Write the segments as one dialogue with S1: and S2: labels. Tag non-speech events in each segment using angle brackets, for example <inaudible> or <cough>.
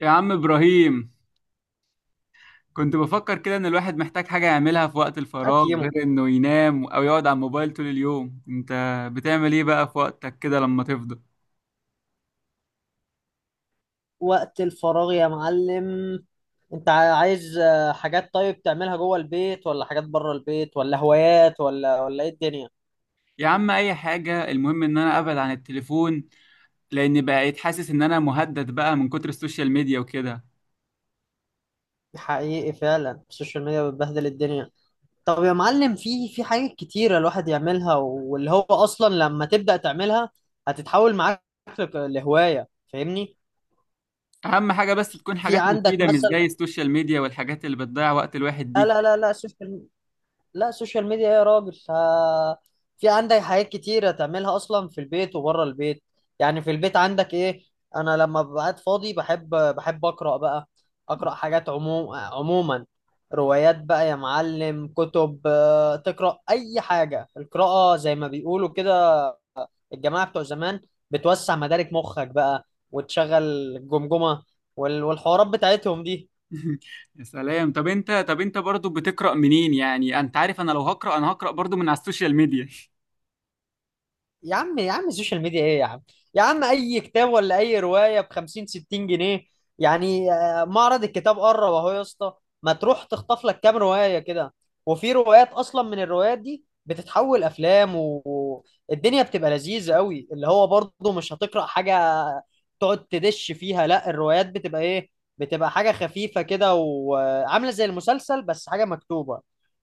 S1: يا عم إبراهيم، كنت بفكر كده إن الواحد محتاج حاجة يعملها في وقت الفراغ
S2: اكيمو.
S1: غير إنه ينام أو يقعد على الموبايل طول اليوم. أنت بتعمل إيه بقى في وقتك كده لما تفضى؟
S2: وقت الفراغ يا معلم. انت عايز، حاجات طيب تعملها جوه البيت، ولا حاجات بره البيت، ولا هوايات، ولا ايه الدنيا؟
S1: يا عم، أي حاجة المهم إن أنا أبعد عن التليفون، لأن بقيت حاسس إن أنا مهدد بقى من كتر السوشيال ميديا وكده.
S2: حقيقي فعلا، السوشيال ميديا بتبهدل الدنيا. طب يا معلم، في حاجات كتيرة الواحد يعملها، واللي هو اصلا لما تبدأ تعملها هتتحول معاك لهواية، فاهمني؟
S1: أهم حاجة بس تكون
S2: في
S1: حاجات
S2: عندك
S1: مفيدة، مش زي
S2: مثلا.
S1: السوشيال ميديا والحاجات اللي بتضيع وقت الواحد
S2: لا
S1: دي.
S2: لا لا لا سوشيال، لا السوشيال ميديا يا راجل. في عندك حاجات كتيرة تعملها أصلا في البيت وبره البيت. يعني في البيت عندك إيه؟ أنا لما ببقى قاعد فاضي بحب أقرأ بقى، أقرأ حاجات عموم عموما، روايات بقى يا معلم، كتب، تقرأ أي حاجة. القراءة زي ما بيقولوا كده الجماعة بتوع زمان، بتوسع مدارك مخك بقى، وتشغل الجمجمة، والحوارات بتاعتهم دي.
S1: <laughs> يا سلام. طب انت برضو بتقرأ منين؟ يعني انت عارف انا لو هقرأ انا هقرأ برضو من على السوشيال ميديا.
S2: يا عم يا عم السوشيال ميديا ايه يا عم؟ يا عم، اي كتاب ولا اي روايه ب 50 60 جنيه يعني. معرض الكتاب قرب اهو يا اسطى، ما تروح تخطف لك كام روايه كده. وفي روايات اصلا من الروايات دي بتتحول افلام، والدنيا بتبقى لذيذه قوي، اللي هو برضه مش هتقرا حاجه تقعد تدش فيها. لا الروايات بتبقى ايه، بتبقى حاجه خفيفه كده، وعامله زي المسلسل بس حاجه مكتوبه،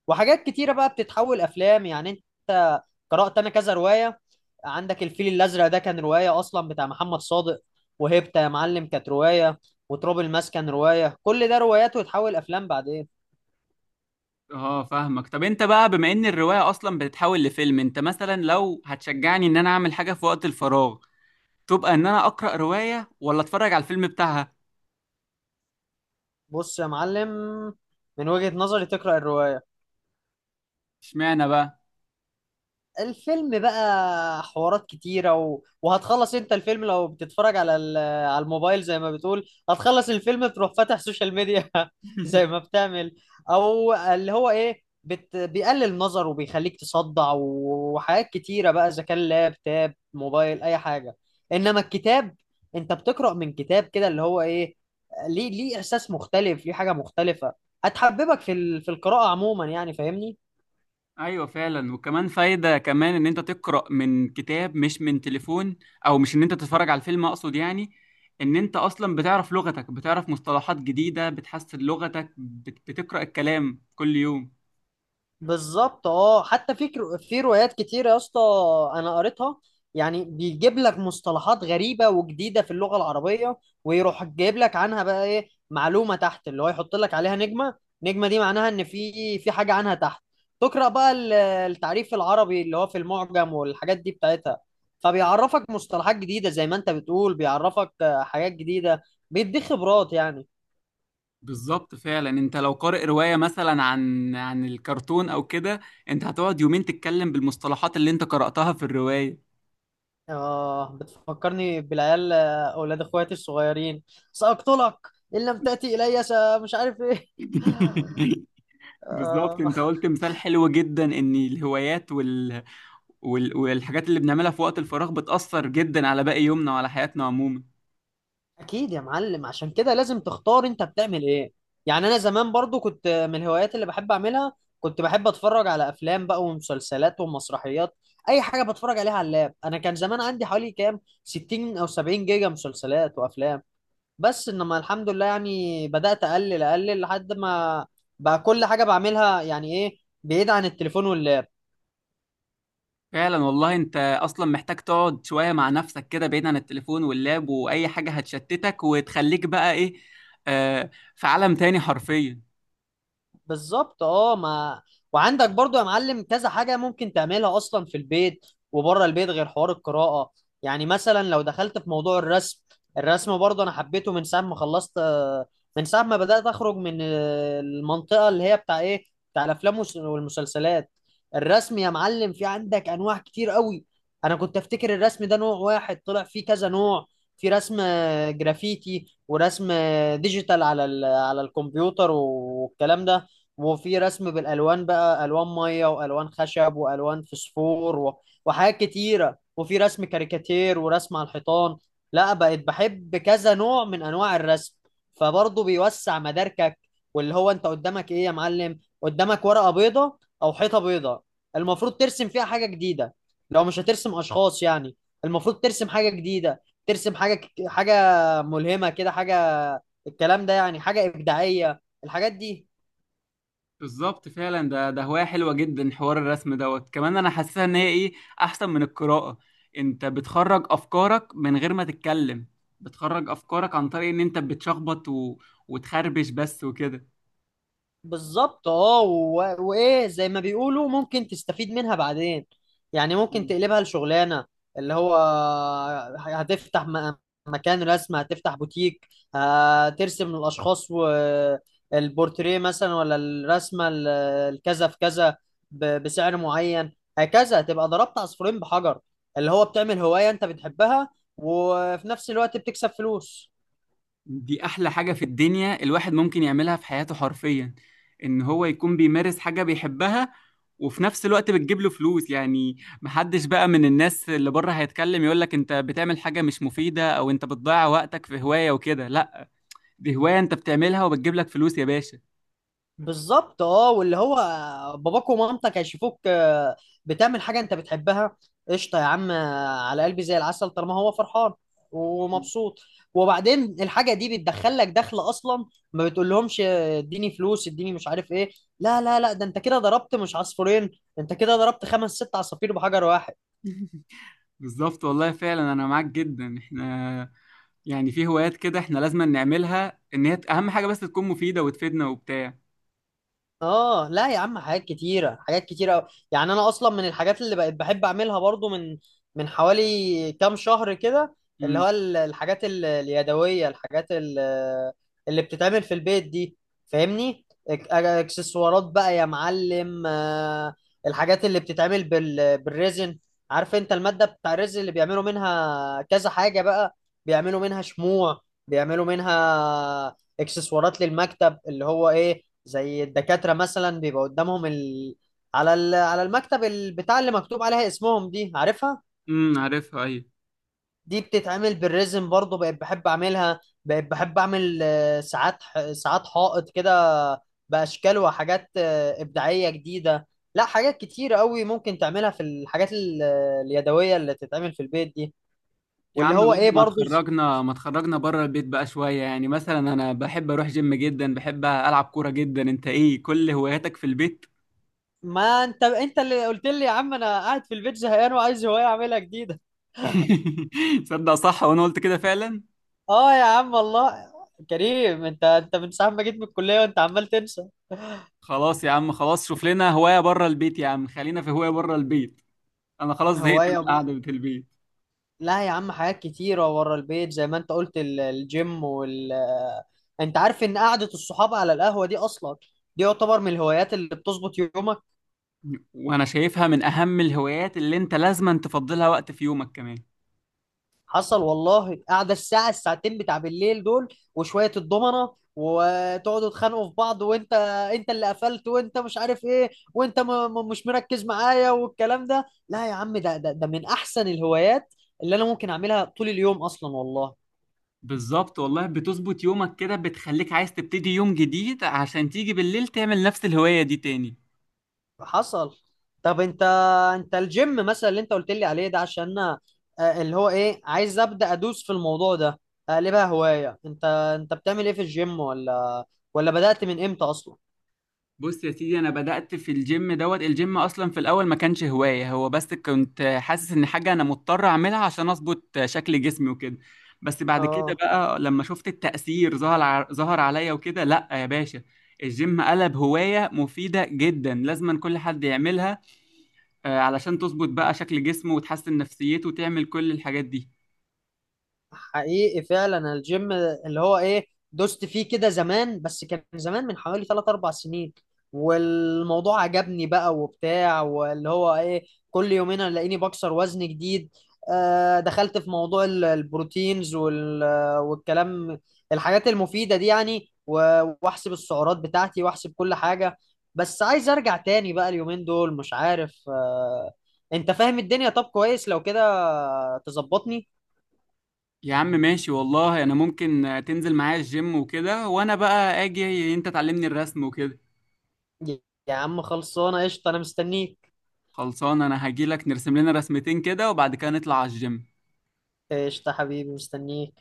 S2: وحاجات كتيره بقى بتتحول افلام يعني. انت، قرات انا كذا روايه. عندك الفيل الازرق ده كان روايه اصلا بتاع محمد صادق، وهيبتا يا معلم كانت روايه، وتراب الماس كان روايه، كل ده روايات وتحول افلام بعدين.
S1: اه فاهمك. طب انت بقى، بما ان الرواية اصلا بتتحول لفيلم، انت مثلا لو هتشجعني ان انا اعمل حاجة في وقت الفراغ تبقى ان انا اقرأ رواية ولا اتفرج على الفيلم بتاعها؟
S2: بص يا معلم، من وجهه نظري تقرا الروايه.
S1: اشمعنى بقى؟
S2: الفيلم بقى حوارات كتيرة، وهتخلص انت الفيلم لو بتتفرج على على الموبايل زي ما بتقول، هتخلص الفيلم تروح فاتح سوشيال ميديا <laughs> زي ما بتعمل. او اللي هو ايه، بيقلل النظر، وبيخليك تصدع، وحاجات كتيرة بقى، اذا كان لاب تاب موبايل اي حاجة. انما الكتاب، انت بتقرأ من كتاب كده اللي هو ايه، ليه، احساس مختلف، ليه حاجة مختلفة، هتحببك في في القراءة عموما يعني، فاهمني؟
S1: ايوه فعلا. وكمان فايدة كمان ان انت تقرأ من كتاب مش من تليفون، او مش ان انت تتفرج على الفيلم اقصد يعني، ان انت اصلا بتعرف لغتك، بتعرف مصطلحات جديدة، بتحسن لغتك، بتقرأ الكلام كل يوم.
S2: بالظبط. اه حتى في روايات كتير يا اسطى انا قريتها، يعني بيجيب لك مصطلحات غريبه وجديده في اللغه العربيه، ويروح جايب لك عنها بقى ايه، معلومه تحت اللي هو يحط لك عليها نجمه. نجمه دي معناها ان في حاجه عنها تحت، تقرا بقى التعريف العربي اللي هو في المعجم والحاجات دي بتاعتها. فبيعرفك مصطلحات جديده، زي ما انت بتقول بيعرفك حاجات جديده، بيديك خبرات يعني.
S1: بالظبط فعلا. انت لو قارئ رواية مثلا عن الكرتون او كده انت هتقعد يومين تتكلم بالمصطلحات اللي انت قرأتها في الرواية.
S2: آه بتفكرني بالعيال، أولاد إخواتي الصغيرين. سأقتلك إن لم تأتي إلي مش عارف إيه.
S1: <laughs>
S2: <laughs>
S1: بالظبط.
S2: آه.
S1: انت قلت مثال حلو جدا، ان الهوايات والحاجات اللي بنعملها في وقت الفراغ بتأثر جدا على باقي يومنا وعلى حياتنا عموما.
S2: أكيد يا معلم، عشان كده لازم تختار أنت بتعمل إيه. يعني أنا زمان برضو كنت من الهوايات اللي بحب أعملها، كنت بحب أتفرج على أفلام بقى ومسلسلات ومسرحيات، أي حاجة بتفرج عليها على اللاب. أنا كان زمان عندي حوالي كام 60 أو 70 جيجا مسلسلات وأفلام، بس انما الحمد لله يعني، بدأت اقلل اقلل لحد ما بقى كل حاجة بعملها يعني ايه، بعيد عن التليفون واللاب.
S1: فعلا والله. انت اصلا محتاج تقعد شوية مع نفسك كده بعيد عن التليفون واللاب واي حاجة هتشتتك، وتخليك بقى ايه، آه في عالم تاني حرفيا.
S2: بالظبط. اه ما، وعندك برضو يا معلم كذا حاجة ممكن تعملها أصلا في البيت وبره البيت غير حوار القراءة. يعني مثلا لو دخلت في موضوع الرسم، الرسم برضو أنا حبيته من ساعة ما خلصت، من ساعة ما بدأت أخرج من، المنطقة اللي هي بتاع إيه، بتاع الأفلام، والمسلسلات. الرسم يا معلم في عندك أنواع كتير قوي، أنا كنت أفتكر الرسم ده نوع واحد، طلع فيه كذا نوع. في رسم جرافيتي، ورسم ديجيتال على على الكمبيوتر والكلام ده، وفي رسم بالالوان بقى، الوان ميه والوان خشب والوان فسفور وحاجات كتيره، وفي رسم كاريكاتير ورسم على الحيطان. لا بقيت بحب كذا نوع من انواع الرسم، فبرضه بيوسع مداركك. واللي هو انت قدامك ايه يا معلم، قدامك ورقه بيضه او حيطه بيضه، المفروض ترسم فيها حاجه جديده، لو مش هترسم اشخاص يعني. المفروض ترسم حاجه جديده، ترسم حاجه حاجه ملهمه كده، حاجه الكلام ده يعني، حاجه ابداعيه الحاجات دي.
S1: بالظبط فعلا. ده هواية حلوة جدا حوار الرسم دوت. كمان انا حاسسها ان هي ايه، احسن من القراءة. انت بتخرج افكارك من غير ما تتكلم. بتخرج افكارك عن طريق ان انت بتشخبط وتخربش بس وكده.
S2: بالظبط. اه وايه زي ما بيقولوا ممكن تستفيد منها بعدين، يعني ممكن تقلبها لشغلانه، اللي هو هتفتح مكان رسم، هتفتح بوتيك، هترسم الاشخاص والبورتريه مثلا، ولا الرسمه الكذا في كذا، بسعر معين هكذا، تبقى ضربت عصفورين بحجر. اللي هو بتعمل هوايه انت بتحبها، وفي نفس الوقت بتكسب فلوس.
S1: دي احلى حاجة في الدنيا الواحد ممكن يعملها في حياته حرفيا، ان هو يكون بيمارس حاجة بيحبها وفي نفس الوقت بتجيب له فلوس يعني. محدش بقى من الناس اللي بره هيتكلم يقولك انت بتعمل حاجة مش مفيدة او انت بتضيع وقتك في هواية وكده، لا، دي هواية انت بتعملها وبتجيب لك فلوس يا باشا.
S2: بالظبط. اه واللي هو باباك ومامتك هيشوفوك، بتعمل حاجه انت بتحبها، قشطه يا عم. على قلبي زي العسل طالما هو فرحان ومبسوط. وبعدين الحاجه دي بتدخل لك دخل اصلا، ما بتقولهمش اديني فلوس، اديني مش عارف ايه. لا لا لا، ده انت كده ضربت مش عصفورين، انت كده ضربت خمس ست عصافير بحجر واحد.
S1: بالظبط والله فعلا انا معاك جدا. احنا يعني في هوايات كده احنا لازم نعملها، ان هي اهم حاجة بس تكون مفيدة وتفيدنا وبتاع.
S2: اه لا يا عم، حاجات كتيرة حاجات كتيرة أوي. يعني انا اصلا من الحاجات اللي بقيت بحب اعملها برضو، من حوالي كام شهر كده، اللي
S1: امم.
S2: هو الحاجات اليدوية، الحاجات اللي بتتعمل في البيت دي، فاهمني؟ اكسسوارات بقى يا معلم. الحاجات اللي بتتعمل بالريزن. عارف انت المادة بتاع الريزن اللي بيعملوا منها كذا حاجة بقى، بيعملوا منها شموع، بيعملوا منها اكسسوارات للمكتب اللي هو ايه، زي الدكاترة مثلا بيبقى قدامهم على على المكتب بتاع اللي مكتوب عليها اسمهم دي، عارفها؟
S1: امم، عارفها ايوه.
S2: دي بتتعمل بالريزم برضو، بقيت بحب اعملها، بقيت بحب اعمل ساعات ساعات حائط كده، باشكال وحاجات ابداعية جديدة. لا حاجات كتير قوي ممكن تعملها في الحاجات اليدوية اللي تتعمل في البيت دي.
S1: يا
S2: واللي
S1: عم
S2: هو
S1: بقى،
S2: ايه
S1: ما
S2: برضو،
S1: تخرجنا ما تخرجنا بره البيت بقى شوية، يعني مثلا انا بحب اروح جيم جدا، بحب العب كورة جدا، انت ايه كل هواياتك في البيت؟
S2: ما انت اللي قلت لي يا عم انا قاعد في البيت زهقان وعايز هواية اعملها جديدة.
S1: <laughs> صدق صح. وانا قلت كده فعلا.
S2: اه يا عم والله، كريم انت من ساعة ما جيت من الكلية وانت عمال تنسى.
S1: خلاص يا عم، خلاص شوف لنا هواية بره البيت، يا عم خلينا في هواية بره البيت، انا خلاص زهقت من
S2: هواية بقى.
S1: القعده بتاع البيت.
S2: لا يا عم، حاجات كتيرة ورا البيت زي ما انت قلت، الجيم انت عارف ان قعدة الصحاب على القهوة دي اصلا، دي يعتبر من الهوايات اللي بتظبط يومك.
S1: وانا شايفها من اهم الهوايات اللي انت لازما تفضلها وقت في يومك كمان.
S2: حصل والله، قاعده الساعه الساعتين بتاع بالليل دول، وشويه الضمنه، وتقعدوا تخانقوا في بعض وانت اللي قفلت وانت مش عارف ايه وانت مش مركز معايا والكلام ده. لا يا عم، ده من احسن الهوايات اللي انا ممكن اعملها طول اليوم اصلا والله.
S1: بالظبط والله. بتظبط يومك كده، بتخليك عايز تبتدي يوم جديد عشان تيجي بالليل تعمل نفس الهوايه دي تاني.
S2: حصل. طب انت الجيم مثلا اللي انت قلت لي عليه ده، عشان انا، اللي هو ايه عايز ابدا ادوس في الموضوع ده، اقلبها هوايه. انت بتعمل ايه في الجيم، ولا بدات من امتى اصلا؟
S1: بص يا سيدي، انا بدأت في الجيم دوت. الجيم اصلا في الاول ما كانش هواية، هو بس كنت حاسس ان حاجة انا مضطر اعملها عشان اظبط شكل جسمي وكده. بس بعد كده
S2: اه
S1: بقى لما شفت التأثير ظهر عليا وكده، لا يا باشا، الجيم قلب هواية مفيدة جدا لازما كل حد يعملها، علشان تظبط بقى شكل جسمه وتحسن نفسيته وتعمل كل الحاجات دي.
S2: حقيقي فعلا، الجيم اللي هو ايه دوست فيه كده زمان، بس كان زمان من حوالي 3 4 سنين، والموضوع عجبني بقى وبتاع، واللي هو ايه كل يومين الاقيني بكسر وزن جديد. آه دخلت في موضوع البروتينز والكلام الحاجات المفيدة دي يعني، واحسب السعرات بتاعتي واحسب كل حاجة. بس عايز ارجع تاني بقى اليومين دول، مش عارف. آه انت فاهم الدنيا، طب كويس لو كده تظبطني.
S1: يا عم ماشي والله. انا ممكن تنزل معايا الجيم وكده وانا بقى اجي انت تعلمني الرسم وكده.
S2: يا عم خلصانة قشطة، أنا مستنيك.
S1: خلصان. انا هجيلك نرسم لنا رسمتين كده وبعد كده نطلع على الجيم.
S2: قشطة حبيبي، مستنيك.